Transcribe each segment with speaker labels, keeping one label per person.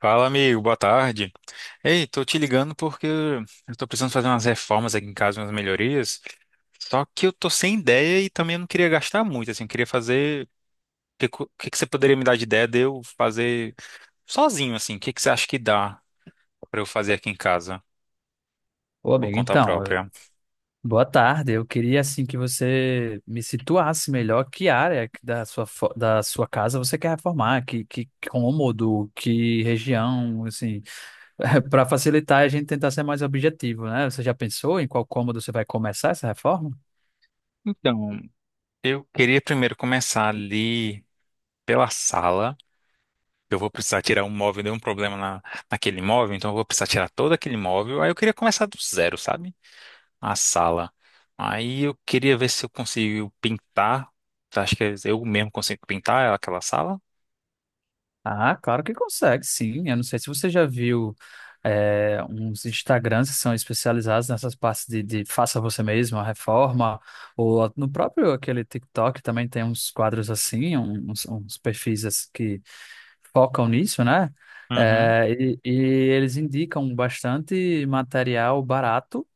Speaker 1: Fala, amigo, boa tarde. Ei, tô te ligando porque eu tô precisando fazer umas reformas aqui em casa, umas melhorias. Só que eu tô sem ideia e também eu não queria gastar muito, assim, eu queria fazer. O que, co- que você poderia me dar de ideia de eu fazer sozinho, assim? Que você acha que dá pra eu fazer aqui em casa,
Speaker 2: Ô,
Speaker 1: por
Speaker 2: amigo,
Speaker 1: conta
Speaker 2: então,
Speaker 1: própria?
Speaker 2: boa tarde. Eu queria, assim, que você me situasse melhor que área que da sua, da sua casa você quer reformar, que cômodo, que região, assim, para facilitar a gente tentar ser mais objetivo, né? Você já pensou em qual cômodo você vai começar essa reforma?
Speaker 1: Então, eu queria primeiro começar ali pela sala. Eu vou precisar tirar um móvel, deu um problema naquele móvel, então eu vou precisar tirar todo aquele móvel. Aí eu queria começar do zero, sabe? A sala. Aí eu queria ver se eu consigo pintar. Acho que eu mesmo consigo pintar aquela sala.
Speaker 2: Ah, claro que consegue, sim. Eu não sei se você já viu uns Instagrams que são especializados nessas partes de faça você mesmo, a reforma, ou no próprio aquele TikTok também tem uns quadros assim, uns perfis assim que focam nisso, né?
Speaker 1: Uhum.
Speaker 2: E eles indicam bastante material barato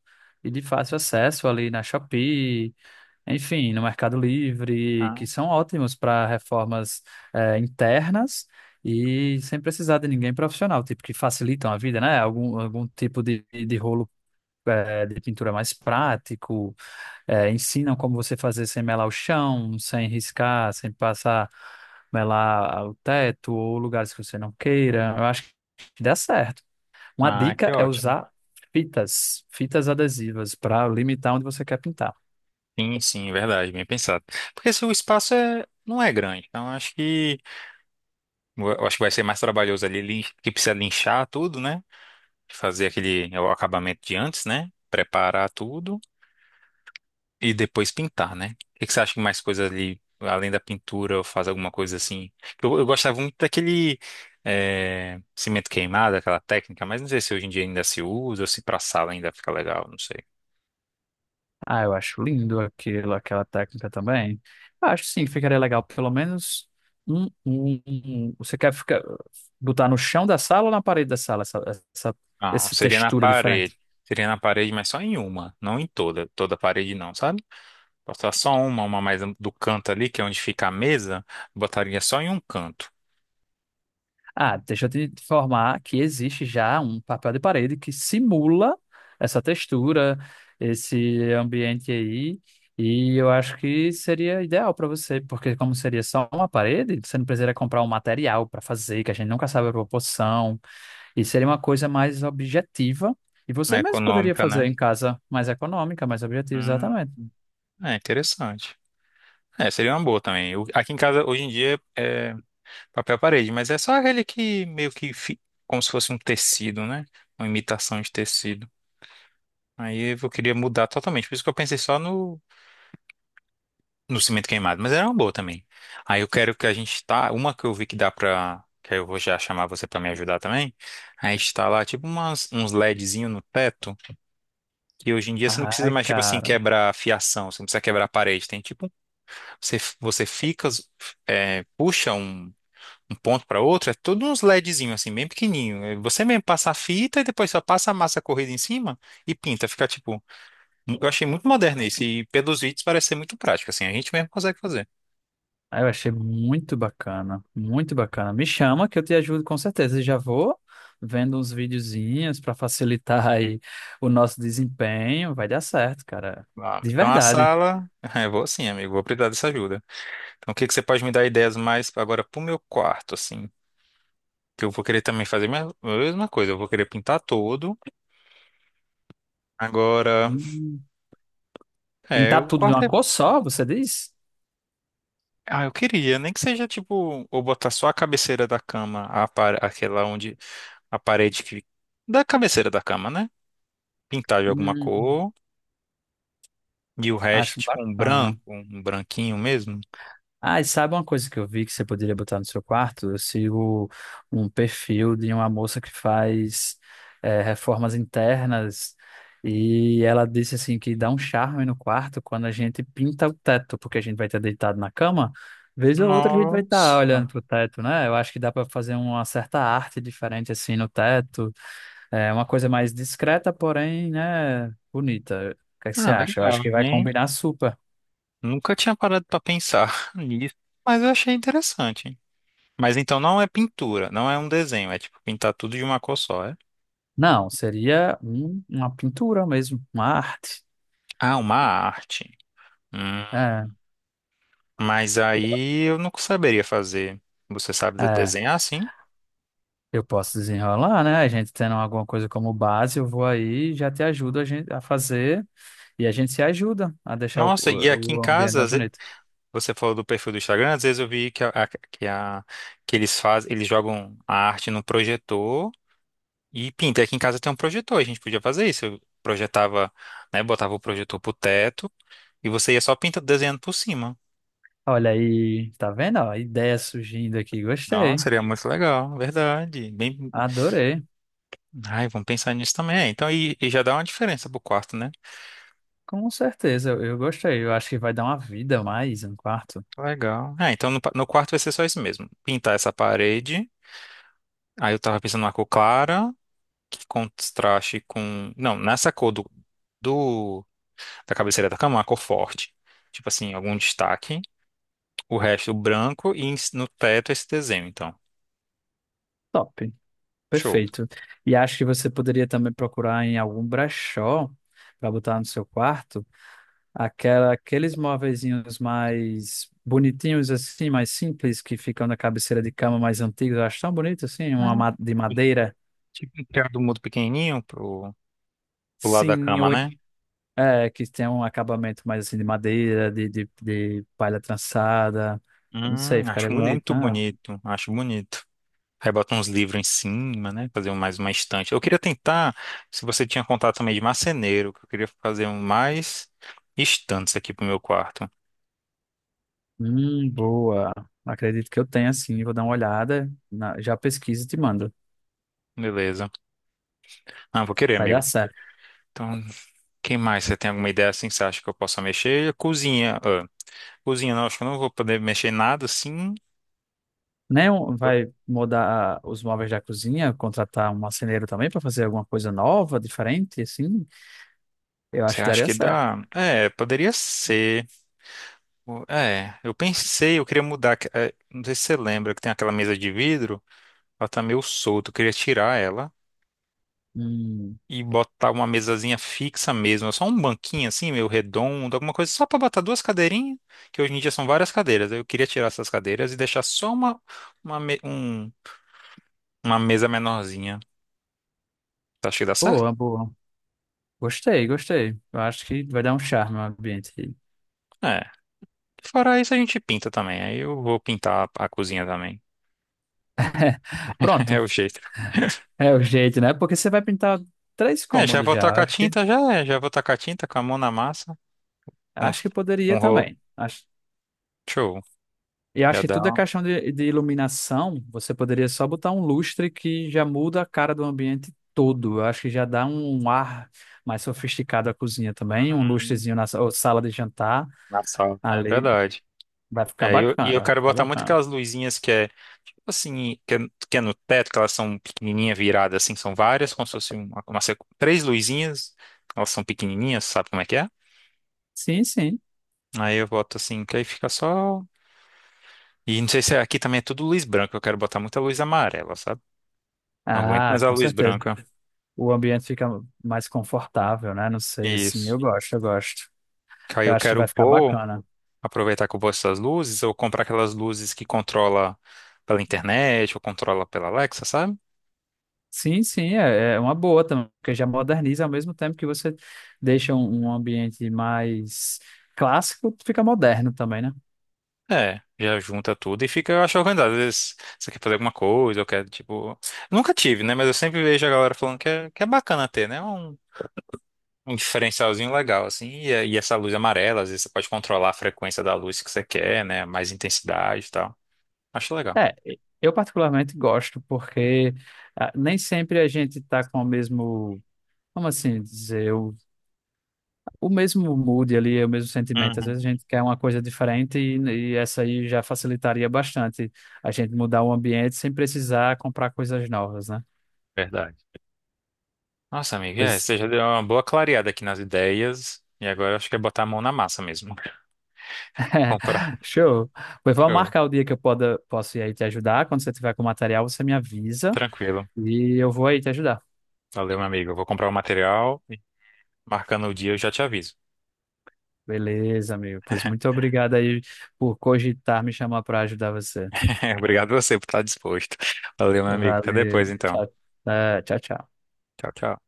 Speaker 2: e de fácil acesso ali na Shopee, enfim, no Mercado Livre, que
Speaker 1: Ah,
Speaker 2: são ótimos para reformas internas e sem precisar de ninguém profissional, tipo, que facilitam a vida, né? Algum tipo de rolo de pintura mais prático, ensinam como você fazer sem melar o chão, sem riscar, sem passar, melar o teto ou lugares que você não queira. Eu acho que dá certo. Uma
Speaker 1: ah,
Speaker 2: dica
Speaker 1: que
Speaker 2: é
Speaker 1: ótimo.
Speaker 2: usar fitas adesivas para limitar onde você quer pintar.
Speaker 1: Sim, sim, verdade, bem pensado. Porque se o espaço não é grande, então acho que eu acho que vai ser mais trabalhoso ali, que precisa linchar tudo, né? Fazer aquele o acabamento de antes, né? Preparar tudo. E depois pintar, né? O que que você acha que mais coisa ali, além da pintura, ou faz alguma coisa assim? Eu gostava muito daquele cimento queimado, aquela técnica, mas não sei se hoje em dia ainda se usa, ou se pra sala ainda fica legal, não sei.
Speaker 2: Ah, eu acho lindo aquilo, aquela técnica também. Eu acho sim que ficaria legal, pelo menos você quer ficar, botar no chão da sala ou na parede da sala essa,
Speaker 1: Ah,
Speaker 2: essa
Speaker 1: seria na
Speaker 2: textura diferente?
Speaker 1: parede. Seria na parede, mas só em uma, não em toda. Toda parede não, sabe? Botar só uma mais do canto ali, que é onde fica a mesa, botaria só em um canto.
Speaker 2: Ah, deixa eu te informar que existe já um papel de parede que simula essa textura, esse ambiente aí, e eu acho que seria ideal para você, porque como seria só uma parede, você não precisaria comprar um material para fazer, que a gente nunca sabe a proporção. E seria uma coisa mais objetiva. E
Speaker 1: É
Speaker 2: você mesmo poderia
Speaker 1: econômica,
Speaker 2: fazer
Speaker 1: né?
Speaker 2: em casa mais econômica, mais objetiva,
Speaker 1: Hum,
Speaker 2: exatamente.
Speaker 1: é interessante. É, seria uma boa também. Aqui em casa, hoje em dia, é, papel parede, mas é só aquele que como se fosse um tecido, né? Uma imitação de tecido. Aí eu queria mudar totalmente, por isso que eu pensei só no, no cimento queimado, mas era uma boa também. Aí eu quero que a gente tá, uma que eu vi que dá pra, que aí eu vou já chamar você pra me ajudar também. Aí está lá tipo uns LEDzinho no teto, que hoje em dia você não precisa
Speaker 2: Ai,
Speaker 1: mais tipo assim
Speaker 2: cara.
Speaker 1: quebrar a fiação, você não precisa quebrar a parede, tem tipo, você fica, é, puxa um ponto para outro, é tudo uns LEDzinho assim, bem pequenininho. É. Você mesmo passa a fita e depois só passa a massa corrida em cima e pinta. Fica tipo, eu achei muito moderno isso e pelos vídeos parece ser muito prático, assim, a gente mesmo consegue fazer.
Speaker 2: Ah, eu achei muito bacana, muito bacana. Me chama que eu te ajudo com certeza. E já vou vendo uns videozinhos para facilitar aí o nosso desempenho. Vai dar certo, cara.
Speaker 1: Ah,
Speaker 2: De
Speaker 1: então a
Speaker 2: verdade.
Speaker 1: sala, eu vou assim, amigo, vou precisar dessa ajuda. Então o que que você pode me dar ideias mais agora pro meu quarto, assim? Que eu vou querer também fazer a mesma coisa, eu vou querer pintar todo. Agora,
Speaker 2: Hum.
Speaker 1: é,
Speaker 2: Pintar
Speaker 1: o
Speaker 2: tudo de uma
Speaker 1: quarto é.
Speaker 2: cor só, você diz?
Speaker 1: Ah, eu queria, nem que seja tipo, ou botar só a cabeceira da cama, a par- aquela onde a parede que da cabeceira da cama, né? Pintar de alguma
Speaker 2: Hum,
Speaker 1: cor e o resto
Speaker 2: acho
Speaker 1: tipo um branco,
Speaker 2: bacana.
Speaker 1: um branquinho mesmo.
Speaker 2: Ah, e sabe uma coisa que eu vi que você poderia botar no seu quarto? Eu sigo um perfil de uma moça que faz reformas internas e ela disse assim que dá um charme no quarto quando a gente pinta o teto, porque a gente vai estar deitado na cama, vez ou outra a gente vai estar olhando
Speaker 1: Nossa.
Speaker 2: pro teto, né? Eu acho que dá para fazer uma certa arte diferente assim no teto, é uma coisa mais discreta, porém, né, bonita. O que é que você
Speaker 1: Ah,
Speaker 2: acha? Eu acho
Speaker 1: legal,
Speaker 2: que vai
Speaker 1: hein?
Speaker 2: combinar super.
Speaker 1: Nunca tinha parado pra pensar nisso, mas eu achei interessante. Mas então não é pintura, não é um desenho, é tipo pintar tudo de uma cor só, é?
Speaker 2: Não, seria uma pintura mesmo, uma arte.
Speaker 1: Ah, uma arte. Hum,
Speaker 2: É,
Speaker 1: Mas aí eu não saberia fazer. Você sabe
Speaker 2: é,
Speaker 1: desenhar, sim?
Speaker 2: eu posso desenrolar, né? A gente tendo alguma coisa como base, eu vou aí e já te ajudo a gente a fazer e a gente se ajuda a deixar
Speaker 1: Nossa, e aqui em
Speaker 2: o ambiente
Speaker 1: casa,
Speaker 2: mais bonito.
Speaker 1: você falou do perfil do Instagram, às vezes eu vi que, a- que eles fazem, eles jogam a arte no projetor e pinta. Aqui em casa tem um projetor, a gente podia fazer isso. Eu projetava, né, botava o projetor pro teto e você ia só pintando, desenhando por cima.
Speaker 2: Olha aí, tá vendo? Ó, ideia surgindo aqui,
Speaker 1: Nossa,
Speaker 2: gostei,
Speaker 1: seria muito legal, verdade. Bem,
Speaker 2: adorei.
Speaker 1: ai, vamos pensar nisso também. É, então, e já dá uma diferença pro quarto, né?
Speaker 2: Com certeza, eu gostei. Eu acho que vai dar uma vida a mais um quarto.
Speaker 1: Legal. É, então no quarto vai ser só isso mesmo. Pintar essa parede. Aí eu tava pensando numa cor clara, que contraste com. Não, nessa cor do. Da cabeceira da cama, uma cor forte. Tipo assim, algum destaque. O resto branco e no teto esse desenho, então.
Speaker 2: Top,
Speaker 1: Show.
Speaker 2: perfeito. E acho que você poderia também procurar em algum brechó para botar no seu quarto aquela, aqueles móveizinhos mais bonitinhos assim, mais simples, que ficam na cabeceira de cama mais antigos, eu acho tão bonito assim, uma
Speaker 1: Ah,
Speaker 2: de madeira.
Speaker 1: tipo um criado mudo pequenininho pro lado da
Speaker 2: Sim,
Speaker 1: cama, né?
Speaker 2: é, que tem um acabamento mais assim de madeira, de palha trançada. Não sei, ficaria
Speaker 1: Acho
Speaker 2: bonito,
Speaker 1: muito
Speaker 2: né?
Speaker 1: bonito, acho bonito. Aí bota uns livros em cima, né? Fazer mais uma estante. Eu queria tentar, se você tinha contato também de marceneiro, que eu queria fazer um mais estantes aqui pro meu quarto.
Speaker 2: Boa. Acredito que eu tenha sim, vou dar uma olhada, já pesquiso e te mando.
Speaker 1: Beleza. Ah, vou querer,
Speaker 2: Vai dar
Speaker 1: amigo.
Speaker 2: certo.
Speaker 1: Então, quem mais? Você tem alguma ideia assim que você acha que eu possa mexer? Cozinha. Ah, cozinha, não, acho que eu não vou poder mexer em nada assim.
Speaker 2: Nem um- vai mudar os móveis da cozinha, contratar um marceneiro também para fazer alguma coisa nova, diferente, assim? Eu acho
Speaker 1: Você
Speaker 2: que
Speaker 1: acha
Speaker 2: daria
Speaker 1: que
Speaker 2: certo.
Speaker 1: dá? É, poderia ser. É, eu pensei, eu queria mudar. É, não sei se você lembra que tem aquela mesa de vidro, ela tá meio solta, eu queria tirar ela
Speaker 2: Hum,
Speaker 1: e botar uma mesazinha fixa mesmo, só um banquinho assim, meio redondo, alguma coisa, só pra botar duas cadeirinhas, que hoje em dia são várias cadeiras. Eu queria tirar essas cadeiras e deixar só uma, me- um- uma mesa menorzinha. Você acha que dá certo?
Speaker 2: boa, boa. Gostei, gostei. Eu acho que vai dar um charme ao ambiente.
Speaker 1: É. Fora isso, a gente pinta também. Aí eu vou pintar a cozinha também.
Speaker 2: Pronto.
Speaker 1: É o jeito.
Speaker 2: É o jeito, né? Porque você vai pintar três
Speaker 1: É, já
Speaker 2: cômodos
Speaker 1: vou
Speaker 2: já.
Speaker 1: tacar tinta, já é. Já vou tacar tinta com a mão na massa. Com
Speaker 2: Acho
Speaker 1: uns-
Speaker 2: que
Speaker 1: com
Speaker 2: poderia
Speaker 1: um rolo.
Speaker 2: também. Acho,
Speaker 1: Show.
Speaker 2: e acho
Speaker 1: Já
Speaker 2: que
Speaker 1: dá
Speaker 2: tudo é questão de iluminação. Você poderia só botar um lustre que já muda a cara do ambiente todo. Eu acho que já dá um ar mais sofisticado à cozinha também. Um
Speaker 1: um-
Speaker 2: lustrezinho na ou sala de jantar
Speaker 1: na sala, né?
Speaker 2: ali.
Speaker 1: Verdade.
Speaker 2: Vai ficar
Speaker 1: É, e
Speaker 2: bacana,
Speaker 1: eu
Speaker 2: vai
Speaker 1: quero
Speaker 2: ficar
Speaker 1: botar muito
Speaker 2: bacana.
Speaker 1: aquelas luzinhas que é no teto, que elas são pequenininha viradas, assim, são várias, como se fosse uma três luzinhas, elas são pequenininhas, sabe como é que é?
Speaker 2: Sim, sim.
Speaker 1: Aí eu boto assim, que aí fica só. E não sei se é, aqui também é tudo luz branca, eu quero botar muita luz amarela, sabe? Não aguento
Speaker 2: Ah,
Speaker 1: mais a
Speaker 2: com
Speaker 1: luz
Speaker 2: certeza.
Speaker 1: branca.
Speaker 2: O ambiente fica mais confortável, né? Não sei, assim,
Speaker 1: Isso.
Speaker 2: eu gosto, eu gosto.
Speaker 1: Que aí
Speaker 2: Eu
Speaker 1: eu
Speaker 2: acho que
Speaker 1: quero
Speaker 2: vai ficar
Speaker 1: pôr,
Speaker 2: bacana.
Speaker 1: aproveitar que eu gosto dessas luzes, ou comprar aquelas luzes que controla pela internet, ou controla pela Alexa, sabe?
Speaker 2: Sim, sim, é, é uma boa também, porque já moderniza ao mesmo tempo que você deixa um ambiente mais clássico, fica moderno também, né?
Speaker 1: É, já junta tudo e fica, eu acho, organizado. Às vezes você quer fazer alguma coisa, ou quer, tipo... Nunca tive, né? Mas eu sempre vejo a galera falando que é bacana ter, né? Um diferencialzinho legal, assim. E, e essa luz amarela, às vezes você pode controlar a frequência da luz que você quer, né? Mais intensidade e tal. Acho legal.
Speaker 2: É, eu particularmente gosto, porque ah, nem sempre a gente está com o mesmo, como assim dizer, o mesmo mood ali, é o mesmo sentimento. Às vezes a
Speaker 1: Uhum.
Speaker 2: gente quer uma coisa diferente e essa aí já facilitaria bastante a gente mudar o ambiente sem precisar comprar coisas novas, né?
Speaker 1: Verdade. Nossa, amiga, é,
Speaker 2: Pois,
Speaker 1: você já deu uma boa clareada aqui nas ideias. E agora acho que é botar a mão na massa mesmo. Comprar.
Speaker 2: show. Pois vamos
Speaker 1: Show.
Speaker 2: marcar o dia posso ir aí te ajudar. Quando você tiver com o material, você me avisa
Speaker 1: Tranquilo.
Speaker 2: e eu vou aí te ajudar.
Speaker 1: Valeu, meu amigo. Eu vou comprar o material e marcando o dia eu já te aviso.
Speaker 2: Beleza, amigo. Pois muito obrigado aí por cogitar me chamar para ajudar você.
Speaker 1: Obrigado você por estar disposto. Valeu, meu amigo. Até
Speaker 2: Valeu.
Speaker 1: depois, então.
Speaker 2: Tchau, tchau, tchau.
Speaker 1: Tchau, tchau.